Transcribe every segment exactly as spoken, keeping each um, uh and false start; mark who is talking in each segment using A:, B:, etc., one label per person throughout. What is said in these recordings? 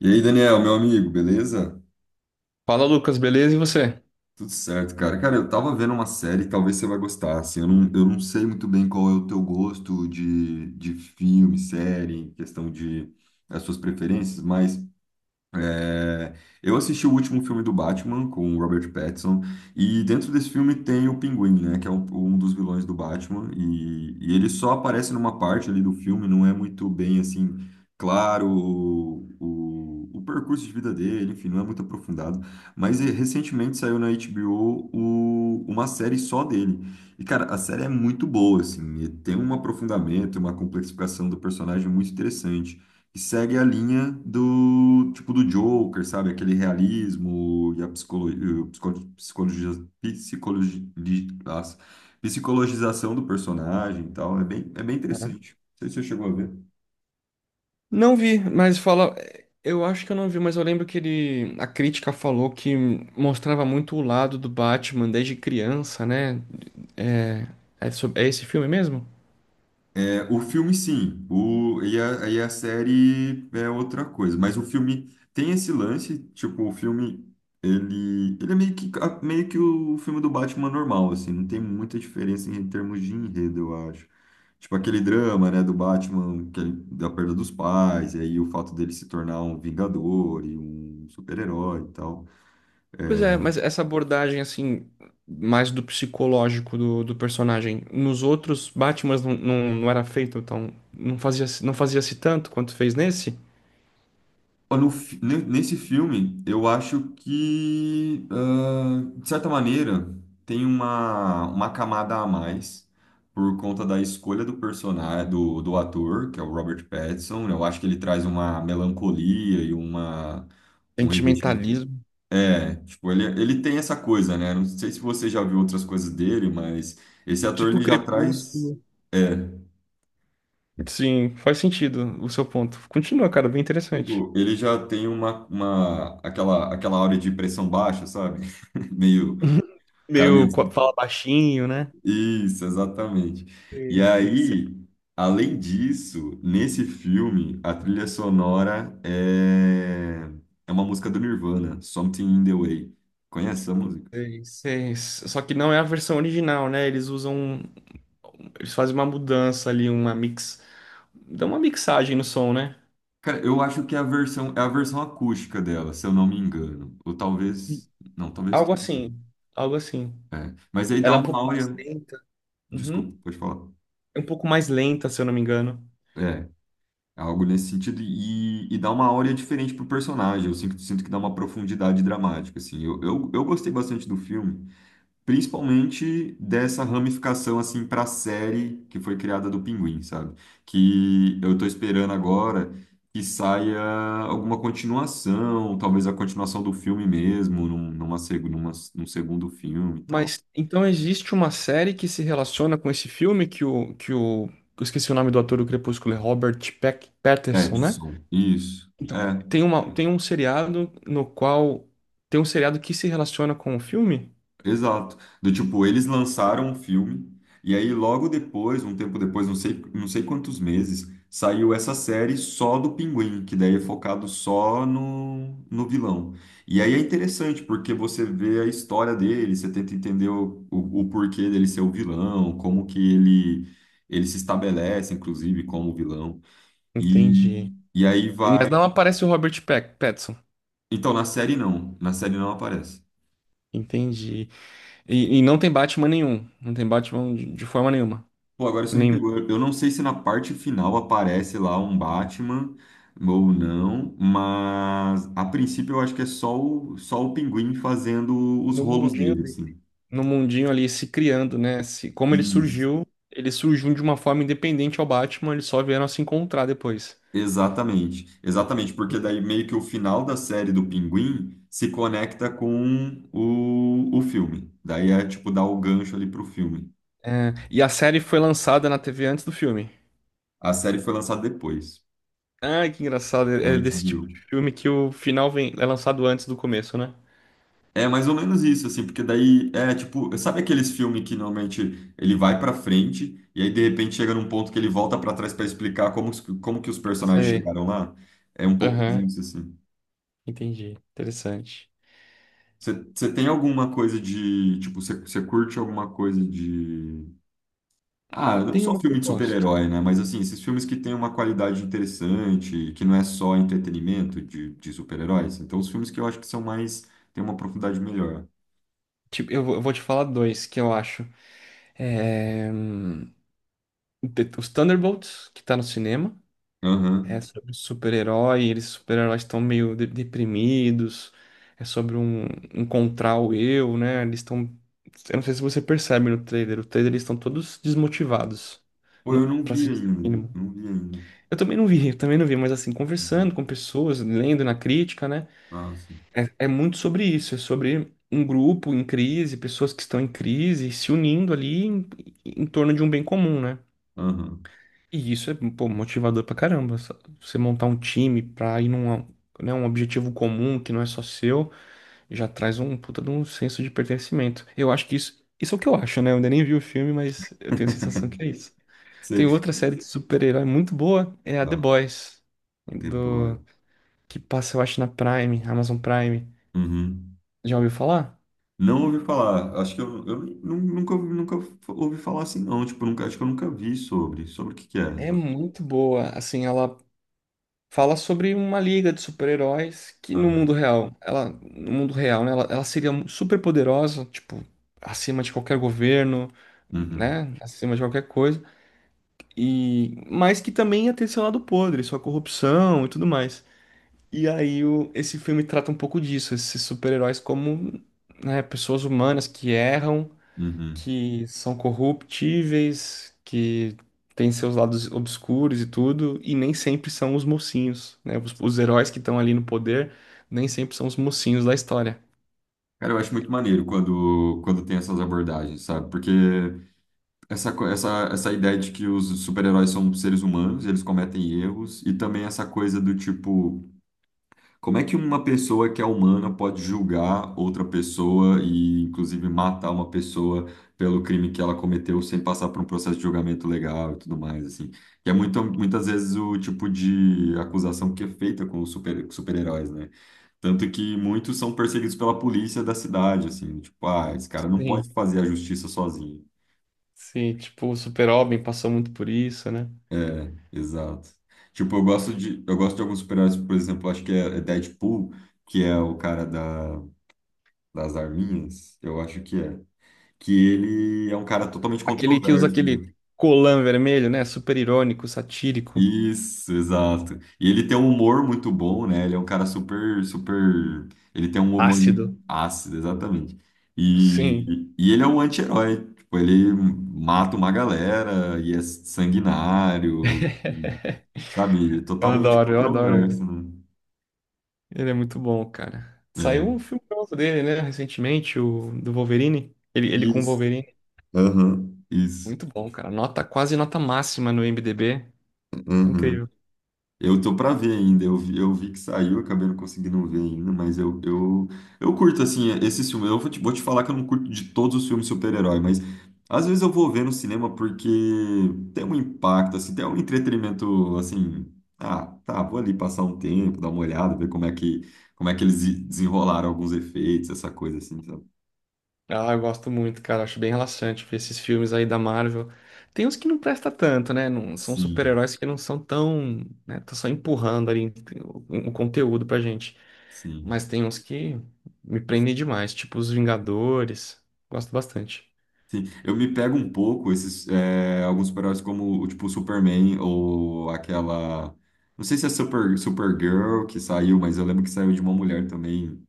A: E aí, Daniel, meu amigo, beleza?
B: Fala, Lucas, beleza? E você?
A: Tudo certo, cara. Cara, eu tava vendo uma série, talvez você vai gostar, assim, eu não, eu não sei muito bem qual é o teu gosto de, de filme, série, questão de as suas preferências, mas É, eu assisti o último filme do Batman com o Robert Pattinson e dentro desse filme tem o Pinguim, né, que é um, um dos vilões do Batman e, e ele só aparece numa parte ali do filme, não é muito bem assim claro o, o, o percurso de vida dele, enfim, não é muito aprofundado. Mas eh, recentemente saiu na HBO o- o- uma série só dele e cara, a série é muito boa assim, e tem um aprofundamento, uma complexificação do personagem muito interessante que segue a linha do tipo do Joker, sabe? Aquele realismo e a psicologia, psicologia, psicologi- nossa, psicologização do personagem e tal. É bem, é bem interessante. Não sei se você chegou a ver.
B: Não vi, mas fala. Eu acho que eu não vi, mas eu lembro que ele. A crítica falou que mostrava muito o lado do Batman desde criança, né? É, é, sob- é esse filme mesmo?
A: É, o filme, sim. O, e, a, e a série é outra coisa. Mas o filme tem esse lance, tipo, o filme, ele, ele é meio que, a- meio que o filme do Batman normal, assim. Não tem muita diferença em termos de enredo, eu acho. Tipo, aquele drama, né, do Batman, que ele- da perda dos pais, e aí o fato dele se tornar um vingador e um super-herói e tal.
B: Pois é, mas essa abordagem, assim, mais do psicológico do, do personagem. Nos outros Batmans não, não, não era feito, então. Não fazia, não fazia-se tanto quanto fez nesse?
A: Ó, No fi- ne- nesse filme, eu acho que, ah, de certa maneira, tem uma, uma camada a mais por conta da escolha do personagem, do, do ator, que é o Robert Pattinson. Eu acho que ele traz uma melancolia e uma, um revestimento.
B: Sentimentalismo.
A: É, tipo, ele, ele tem essa coisa, né? Não sei se você já viu outras coisas dele, mas esse ator
B: Tipo
A: ele já traz.
B: Crepúsculo.
A: É,
B: Sim, faz sentido o seu ponto. Continua, cara, bem interessante.
A: tipo, ele já tem uma, uma aquela, aquela aura de pressão baixa, sabe? Meio, o cara meio...
B: Meio co-
A: Uhum.
B: fala baixinho, né?
A: Isso, exatamente. E
B: Sei, sei, sei.
A: aí, além disso, nesse filme, a trilha sonora é, é uma música do Nirvana, Something in the Way. Conhece essa música?
B: Sei, sei. Só que não é a versão original, né? Eles usam, um, eles fazem uma mudança ali, uma mix, dá uma mixagem no som, né?
A: Cara, eu acho que é a versão, é a versão acústica dela, se eu não me engano. Ou talvez... Não, talvez...
B: Algo
A: esteja.
B: assim, algo assim.
A: É. Mas aí
B: Ela
A: dá
B: é um
A: uma
B: pouco mais
A: áurea...
B: lenta.
A: Desculpa,
B: Uhum.
A: pode falar.
B: É um pouco mais lenta, se eu não me engano.
A: É algo nesse sentido e, e dá uma áurea diferente pro personagem. Eu sinto, sinto que dá uma profundidade dramática, assim. Eu, eu, eu gostei bastante do filme, principalmente dessa ramificação, assim, pra série que foi criada do Pinguim, sabe? Que eu tô esperando agora que saia alguma continuação, talvez a continuação do filme mesmo, num, numa, seg- numa, num segundo filme e tal.
B: Mas então existe uma série que se relaciona com esse filme que o que o eu esqueci o nome do ator do Crepúsculo, é Robert Peck, Patterson, né?
A: Petson, isso.
B: Então,
A: É.
B: tem uma, tem um seriado no qual tem um seriado que se relaciona com o filme?
A: Exato. Do tipo, eles lançaram um filme e aí logo depois, um tempo depois, não sei, não sei quantos meses, saiu essa série só do Pinguim, que daí é focado só no, no vilão. E aí é interessante porque você vê a história dele, você tenta entender o, o, o porquê dele ser o vilão, como que ele, ele se estabelece, inclusive, como vilão. E,
B: Entendi.
A: e aí
B: Mas
A: vai.
B: não aparece o Robert Pack- Pattinson.
A: Então, na série não, na série não aparece.
B: Entendi. E, e não tem Batman nenhum. Não tem Batman de, de forma nenhuma.
A: Pô, agora você me
B: Nenhum.
A: pegou. Eu eu não sei se na parte final aparece lá um Batman ou não, mas a princípio eu acho que é só o, só o Pinguim fazendo os
B: No
A: rolos
B: mundinho
A: dele,
B: dele.
A: assim.
B: No mundinho ali se criando, né? Se, como ele
A: Isso.
B: surgiu, ele surgiu de uma forma independente ao Batman, eles só vieram a se encontrar depois.
A: Exatamente. Exatamente, porque daí meio que o final da série do Pinguim se conecta com o, o filme. Daí é tipo dar o gancho ali pro filme.
B: É, e a série foi lançada na T V antes do filme.
A: A série foi lançada depois,
B: Ah, que engraçado.
A: na
B: É desse
A: H B O.
B: tipo de filme que o final vem, é lançado antes do começo, né?
A: É mais ou menos isso, assim, porque daí é tipo, sabe aqueles filmes que normalmente ele vai pra frente e aí de repente chega num ponto que ele volta pra trás pra explicar como, os- como que os personagens
B: Sei.
A: chegaram lá? É um pouco
B: Aham,
A: disso, assim.
B: entendi. Interessante.
A: Você tem alguma coisa de, tipo, você você curte alguma coisa de... Ah, não
B: Tem
A: só
B: uma que eu
A: filme de
B: gosto.
A: super-herói, né? Mas assim, esses filmes que têm uma qualidade interessante, que não é só entretenimento de, de super-heróis. Então, os filmes que eu acho que são mais, têm uma profundidade melhor.
B: Tipo, eu vou, eu vou te falar dois que eu acho. É... hum, The- Os Thunderbolts, que tá no cinema. É
A: Aham.
B: sobre super-herói, eles super-heróis estão meio de- deprimidos. É sobre um encontrar o eu, né? Eles estão. Eu não sei se você percebe no trailer. O trailer eles estão todos desmotivados.
A: Pô,
B: Não,
A: eu não
B: pra
A: vi
B: se dizer o
A: ainda.
B: mínimo.
A: Não vi ainda.
B: Eu também não vi, eu também não vi, mas assim,
A: Uhum.
B: conversando com pessoas, lendo na crítica, né?
A: Ah, sim.
B: É, é muito sobre isso, é sobre um grupo em crise, pessoas que estão em crise, se unindo ali em, em torno de um bem comum, né?
A: Aham.
B: E isso é, pô, motivador pra caramba. sa- Você montar um time pra ir num, né, um objetivo comum que não é só seu, já traz um puta de um senso de pertencimento. Eu acho que isso, isso é o que eu acho, né? Eu ainda nem vi o filme, mas eu tenho a sensação que é isso. Tem
A: Sei.
B: outra série de super-herói muito boa, é a The
A: Tá,
B: Boys,
A: Tempora.
B: do, que passa, eu acho, na Prime, Amazon Prime.
A: Uhum.
B: Já ouviu falar?
A: Não ouvi falar. Acho que eu, eu nu- nunca, ouvi- nunca ouvi falar assim, não. Tipo, nunca, acho que eu nunca vi sobre. Sobre o que que é.
B: É muito boa. Assim, ela fala sobre uma liga de super-heróis que no mundo
A: Aham.
B: real, ela, no mundo real, né, ela, ela seria super poderosa, tipo, acima de qualquer governo,
A: Uhum.
B: né, acima de qualquer coisa. E mas que também ia ter seu lado podre, sua corrupção e tudo mais. E aí o, esse filme trata um pouco disso, esses super-heróis como, né, pessoas humanas que erram,
A: Uhum.
B: que são corruptíveis, que têm seus lados obscuros e tudo, e nem sempre são os mocinhos, né? Os, os heróis que estão ali no poder nem sempre são os mocinhos da história.
A: Cara, eu acho muito maneiro quando, quando tem essas abordagens, sabe? Porque essa, co- essa, essa ideia de que os super-heróis são seres humanos, eles cometem erros, e também essa coisa do tipo. Como é que uma pessoa que é humana pode julgar outra pessoa e, inclusive, matar uma pessoa pelo crime que ela cometeu sem passar por um processo de julgamento legal e tudo mais, assim? Que é muito, muitas vezes o tipo de acusação que é feita com os super, super-heróis, né? Tanto que muitos são perseguidos pela polícia da cidade, assim, tipo, ah, esse cara não pode
B: Sim,
A: fazer a justiça sozinho.
B: sim, tipo, o Super-Homem passou muito por isso, né?
A: É, exato. Tipo, eu gosto de, eu gosto de alguns super-heróis, por exemplo, acho que é é Deadpool, que é o cara da das arminhas, eu acho que é. Que ele é um cara totalmente
B: Aquele que usa
A: controverso, né?
B: aquele colã vermelho, né? Super irônico, satírico,
A: Isso, exato. E ele tem um humor muito bom, né? Ele é um cara super, super. Ele tem um humor
B: ácido.
A: muito ácido, exatamente. E,
B: Sim,
A: e e ele é um anti-herói. Tipo, ele mata uma galera e é sanguinário, e, sabe? É
B: eu
A: totalmente
B: adoro, eu adoro
A: controverso,
B: ele.
A: né?
B: Ele é muito bom, cara. Saiu
A: É.
B: um filme novo dele, né? Recentemente, o do Wolverine. Ele, ele com o
A: Isso.
B: Wolverine.
A: Aham, isso.
B: Muito bom, cara. Nota, quase nota máxima no I M D B.
A: Aham.
B: Incrível.
A: Eu tô pra ver ainda, eu vi, eu vi que saiu, acabei não conseguindo ver ainda, mas eu, eu, eu curto, assim, esses filmes. Eu vou te, vou te falar que eu não curto de todos os filmes de super-herói, mas às vezes eu vou ver no cinema porque tem um impacto, assim, tem um entretenimento, assim, ah, tá, vou ali passar um tempo, dar uma olhada, ver como é que, como é que eles desenrolaram alguns efeitos, essa coisa, assim, sabe?
B: Ah, eu gosto muito, cara. Acho bem relaxante ver esses filmes aí da Marvel. Tem uns que não presta tanto, né? Não, são
A: Sim,
B: super-heróis que não são tão, né? Tá só empurrando ali o, o conteúdo pra gente.
A: sim.
B: Mas tem uns que me prendem demais, tipo os Vingadores. Gosto bastante.
A: Sim, eu me pego um pouco esses é, alguns super-heróis como tipo o Superman ou aquela não sei se é Super Supergirl que saiu, mas eu lembro que saiu de uma mulher também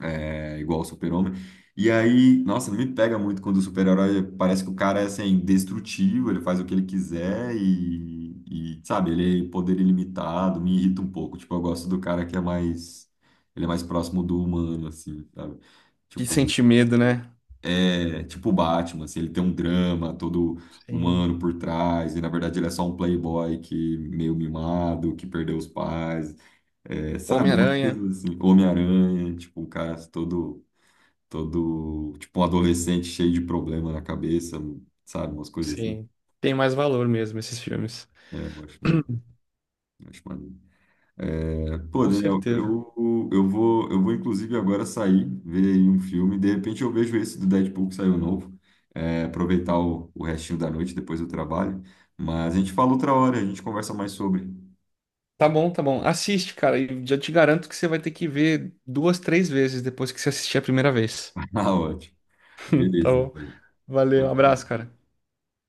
A: é, igual ao Super-Homem. E aí, nossa, me pega muito quando o super-herói parece que o cara é assim indestrutível, ele faz o que ele quiser e, e sabe, ele é poder ilimitado, me irrita um pouco. Tipo, eu gosto do cara que é mais ele é mais próximo do humano assim, sabe?
B: Que
A: Tipo,
B: sente medo, né?
A: é tipo o Batman, assim, ele tem um drama todo
B: Sim.
A: humano por trás, e na verdade ele é só um playboy que meio mimado, que perdeu os pais, é, sabe? Umas
B: Homem-Aranha.
A: coisas assim. Homem-Aranha, tipo, um cara todo, todo, tipo, um adolescente cheio de problema na cabeça, sabe? Umas coisas assim.
B: Sim. Tem mais valor mesmo esses filmes.
A: É, eu acho, mano, eu acho maneiro. É, pô,
B: Com
A: Daniel,
B: certeza.
A: eu, eu vou, eu vou inclusive agora sair, ver aí um filme. De repente eu vejo esse do Deadpool que saiu novo. É, aproveitar o, o restinho da noite depois do trabalho. Mas a gente fala outra hora, a gente conversa mais sobre.
B: Tá bom, tá bom. Assiste, cara, e já te garanto que você vai ter que ver duas, três vezes depois que você assistir a primeira vez.
A: Ah, ótimo.
B: Tá
A: Beleza,
B: bom.
A: então.
B: Valeu, um abraço,
A: Ótimo.
B: cara.